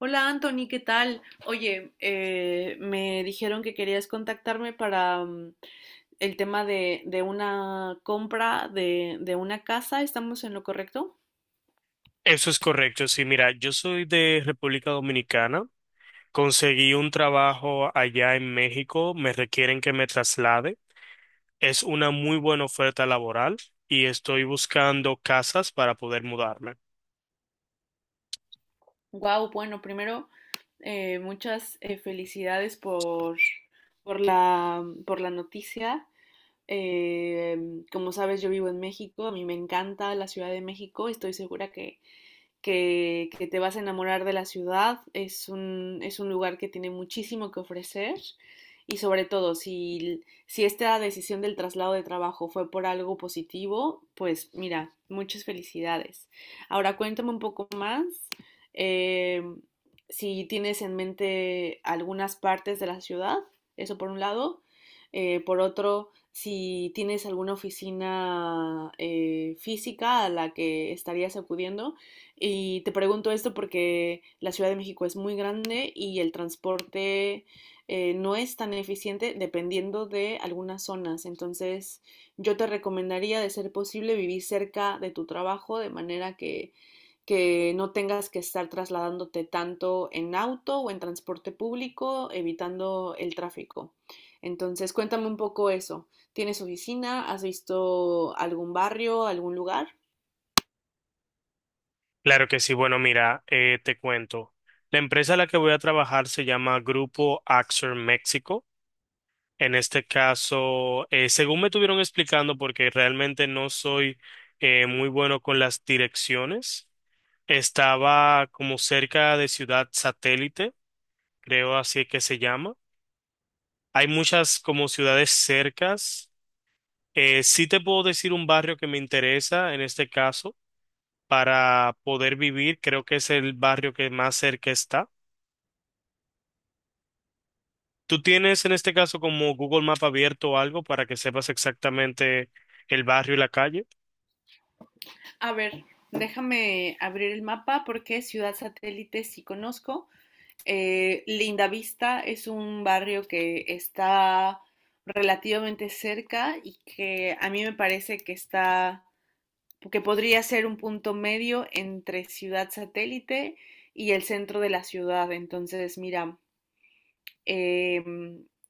Hola Anthony, ¿qué tal? Oye, me dijeron que querías contactarme para el tema de una compra de una casa. ¿Estamos en lo correcto? Eso es correcto. Sí, mira, yo soy de República Dominicana. Conseguí un trabajo allá en México. Me requieren que me traslade. Es una muy buena oferta laboral y estoy buscando casas para poder mudarme. Wow, bueno, primero, muchas felicidades por, por la noticia. Como sabes, yo vivo en México, a mí me encanta la Ciudad de México, estoy segura que te vas a enamorar de la ciudad. Es un lugar que tiene muchísimo que ofrecer y sobre todo si esta decisión del traslado de trabajo fue por algo positivo, pues mira, muchas felicidades. Ahora cuéntame un poco más. eh, si tienes en mente algunas partes de la ciudad, eso por un lado. Por otro, si tienes alguna oficina física a la que estarías acudiendo. Y te pregunto esto porque la Ciudad de México es muy grande y el transporte no es tan eficiente dependiendo de algunas zonas. Entonces, yo te recomendaría, de ser posible, vivir cerca de tu trabajo de manera que no tengas que estar trasladándote tanto en auto o en transporte público, evitando el tráfico. Entonces, cuéntame un poco eso. ¿Tienes oficina? ¿Has visto algún barrio, algún lugar? Claro que sí. Bueno, mira, te cuento. La empresa a la que voy a trabajar se llama Grupo Axer México. En este caso, según me estuvieron explicando, porque realmente no soy muy bueno con las direcciones. Estaba como cerca de Ciudad Satélite, creo así es que se llama. Hay muchas como ciudades cercas. Sí te puedo decir un barrio que me interesa en este caso para poder vivir. Creo que es el barrio que más cerca está. ¿Tú tienes en este caso como Google Map abierto o algo para que sepas exactamente el barrio y la calle? A ver, déjame abrir el mapa porque Ciudad Satélite sí conozco. Linda Vista es un barrio que está relativamente cerca y que a mí me parece que está, que podría ser un punto medio entre Ciudad Satélite y el centro de la ciudad. Entonces, mira, eh,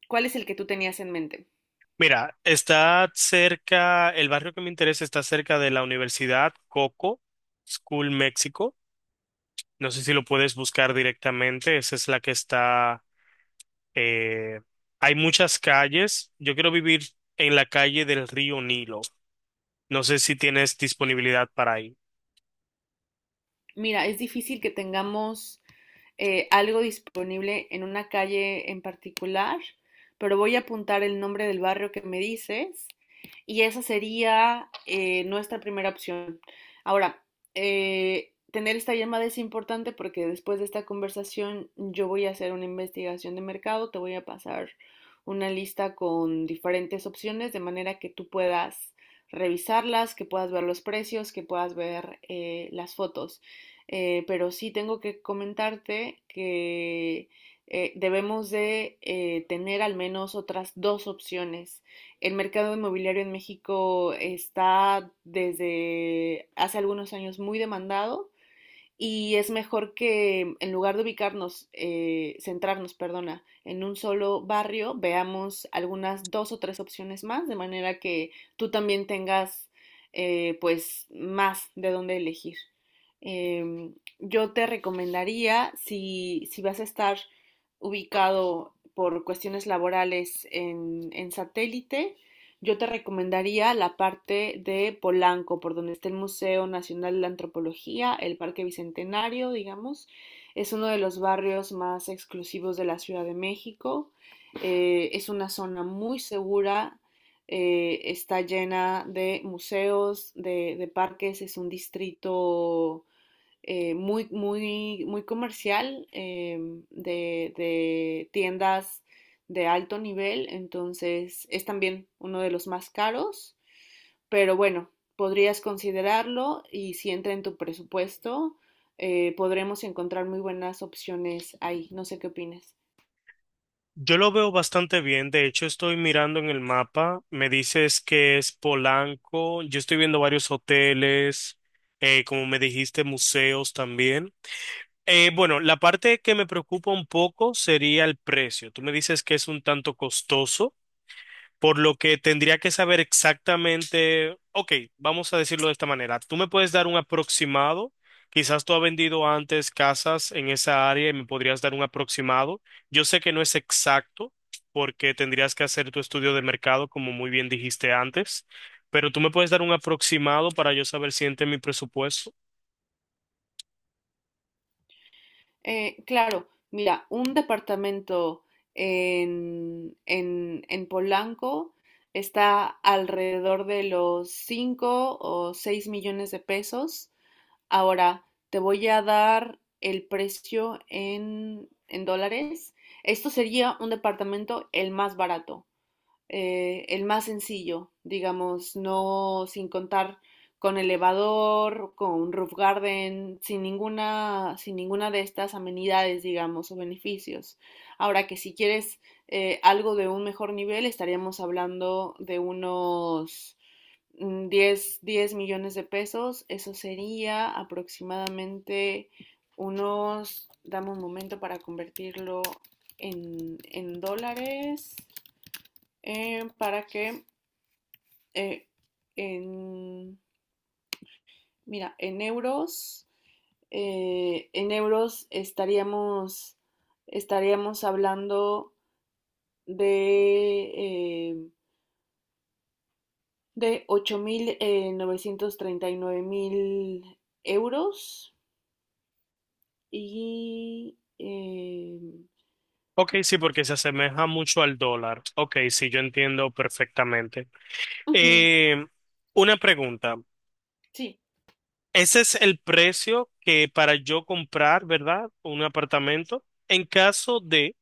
¿cuál es el que tú tenías en mente? Mira, está cerca, el barrio que me interesa está cerca de la Universidad Coco School México. No sé si lo puedes buscar directamente. Esa es la que está. eh, Hay muchas calles. Yo quiero vivir en la calle del río Nilo. No sé si tienes disponibilidad para ahí. Mira, es difícil que tengamos algo disponible en una calle en particular, pero voy a apuntar el nombre del barrio que me dices y esa sería nuestra primera opción. Ahora, tener esta llamada es importante porque después de esta conversación yo voy a hacer una investigación de mercado, te voy a pasar una lista con diferentes opciones de manera que tú puedas revisarlas, que puedas ver los precios, que puedas ver las fotos. Pero sí tengo que comentarte que debemos de tener al menos otras 2 opciones. El mercado inmobiliario en México está desde hace algunos años muy demandado y es mejor que en lugar de ubicarnos, centrarnos, perdona, en un solo barrio, veamos algunas 2 o 3 opciones más, de manera que tú también tengas pues más de dónde elegir. Yo te recomendaría, si vas a estar ubicado por cuestiones laborales en satélite, yo te recomendaría la parte de Polanco, por donde está el Museo Nacional de Antropología, el Parque Bicentenario, digamos. Es uno de los barrios más exclusivos de la Ciudad de México. Es una zona muy segura, está llena de museos, de parques, es un distrito muy, muy, muy comercial, de tiendas de alto nivel, entonces es también uno de los más caros, pero bueno, podrías considerarlo y si entra en tu presupuesto, podremos encontrar muy buenas opciones ahí. No sé qué opinas. Yo lo veo bastante bien. De hecho, estoy mirando en el mapa. Me dices que es Polanco. Yo estoy viendo varios hoteles, como me dijiste, museos también. Bueno, la parte que me preocupa un poco sería el precio. Tú me dices que es un tanto costoso, por lo que tendría que saber exactamente. Ok, vamos a decirlo de esta manera, tú me puedes dar un aproximado, quizás tú has vendido antes casas en esa área y me podrías dar un aproximado. Yo sé que no es exacto porque tendrías que hacer tu estudio de mercado, como muy bien dijiste antes, pero tú me puedes dar un aproximado para yo saber si entra en mi presupuesto. Claro, mira, un departamento en Polanco está alrededor de los 5 o 6 millones de pesos. Ahora, te voy a dar el precio en dólares. Esto sería un departamento el más barato, el más sencillo, digamos, no sin contar con elevador, con roof garden, sin ninguna de estas amenidades, digamos, o beneficios. Ahora que si quieres algo de un mejor nivel, estaríamos hablando de unos 10 millones de pesos. Eso sería aproximadamente unos, dame un momento para convertirlo en dólares eh, para que eh, en, mira, en euros estaríamos, estaríamos hablando de, eh, de 8.939.000 euros y... eh, Ok, sí, porque se asemeja mucho al dólar. Ok, sí, yo entiendo perfectamente. ujú, Eh, una pregunta. sí, Ese es el precio que para yo comprar, ¿verdad? Un apartamento. En caso de,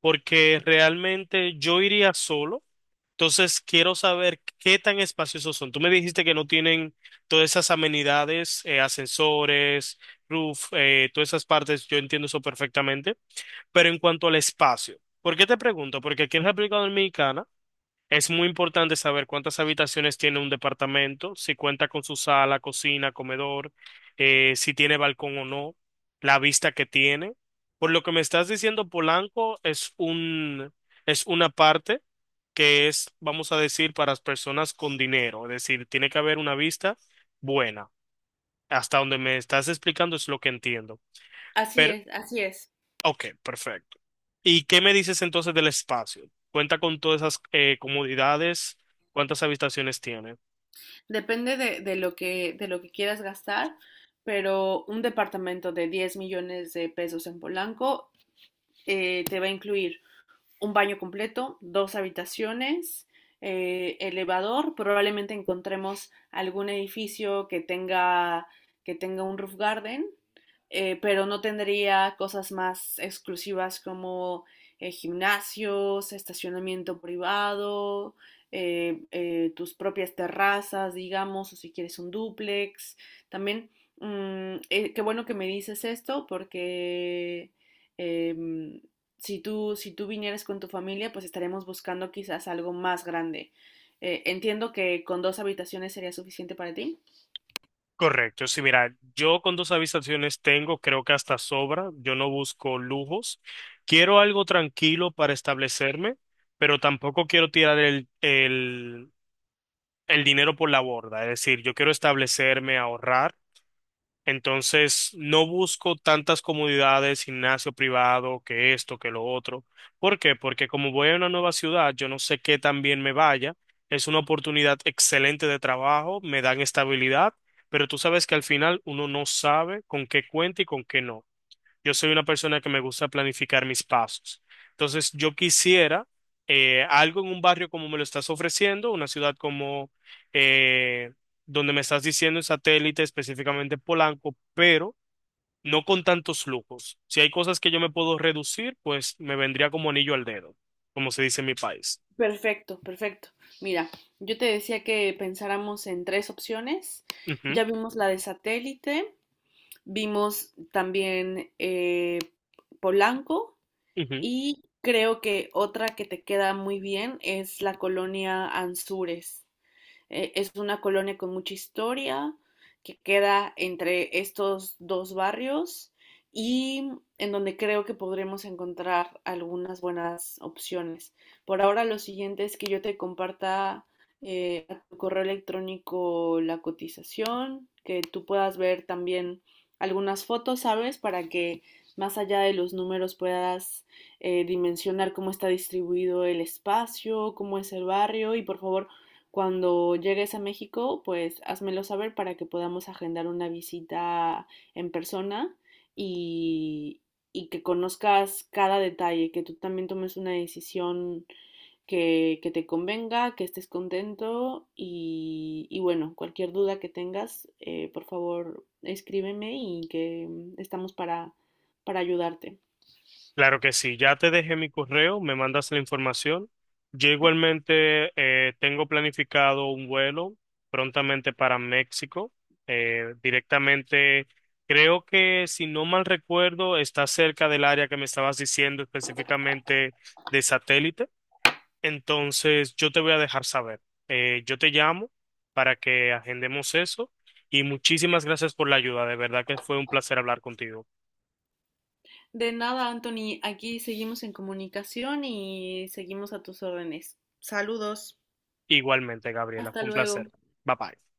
porque realmente yo iría solo, entonces quiero saber qué tan espaciosos son. Tú me dijiste que no tienen todas esas amenidades, ascensores, roof, todas esas partes, yo entiendo eso perfectamente. Pero en cuanto al espacio, ¿por qué te pregunto? Porque aquí en República Dominicana es muy importante saber cuántas habitaciones tiene un departamento, si cuenta con su sala, cocina, comedor, si tiene balcón o no, la vista que tiene. Por lo que me estás diciendo, Polanco es es una parte que es, vamos a decir, para las personas con dinero. Es decir, tiene que haber una vista buena. Hasta donde me estás explicando es lo que entiendo. así es, así es. Ok, perfecto. ¿Y qué me dices entonces del espacio? ¿Cuenta con todas esas comodidades? ¿Cuántas habitaciones tiene? Depende de lo de lo que quieras gastar, pero un departamento de 10 millones de pesos en Polanco te va a incluir un baño completo, 2 habitaciones, elevador. Probablemente encontremos algún edificio que tenga un roof garden, pero no tendría cosas más exclusivas como gimnasios, estacionamiento privado, tus propias terrazas, digamos, o si quieres un dúplex. También, qué bueno que me dices esto porque, em, si tú vinieras con tu familia, pues estaremos buscando quizás algo más grande. Entiendo que con 2 habitaciones sería suficiente para ti. Correcto, sí, mira, yo con dos habitaciones tengo, creo que hasta sobra, yo no busco lujos, quiero algo tranquilo para establecerme, pero tampoco quiero tirar el dinero por la borda, es decir, yo quiero establecerme, ahorrar. Entonces, no busco tantas comodidades, gimnasio privado, que esto, que lo otro. ¿Por qué? Porque como voy a una nueva ciudad, yo no sé qué tan bien me vaya. Es una oportunidad excelente de trabajo, me dan estabilidad, pero tú sabes que al final uno no sabe con qué cuenta y con qué no. Yo soy una persona que me gusta planificar mis pasos. Entonces, yo quisiera algo en un barrio como me lo estás ofreciendo, una ciudad como eh, donde me estás diciendo en satélite, específicamente Polanco, pero no con tantos lujos. Si hay cosas que yo me puedo reducir, pues me vendría como anillo al dedo, como se dice en mi país. Perfecto, perfecto. Mira, yo te decía que pensáramos en 3 opciones. Ujú, Ya vimos la de satélite, vimos también Polanco, ujú. y creo que otra que te queda muy bien es la colonia Anzures. Es una colonia con mucha historia que queda entre estos 2 barrios y en donde creo que podremos encontrar algunas buenas opciones. Por ahora lo siguiente es que yo te comparta a tu correo electrónico la cotización, que tú puedas ver también algunas fotos, ¿sabes? Para que más allá de los números puedas dimensionar cómo está distribuido el espacio, cómo es el barrio, y por favor cuando llegues a México, pues házmelo saber para que podamos agendar una visita en persona y, y que conozcas cada detalle, que tú también tomes una decisión que te convenga, que estés contento y bueno, cualquier duda que tengas, por favor escríbeme y que estamos para ayudarte. Claro que sí, ya te dejé mi correo, me mandas la información. Yo igualmente tengo planificado un vuelo prontamente para México, directamente, creo que si no mal recuerdo, está cerca del área que me estabas diciendo específicamente de satélite. Entonces, yo te voy a dejar saber. Yo te llamo para que agendemos eso y muchísimas gracias por la ayuda. De verdad que fue un placer hablar contigo. De nada, Anthony, aquí seguimos en comunicación y seguimos a tus órdenes. Saludos. Igualmente, Gabriela, Hasta fue un luego. placer. Bye bye.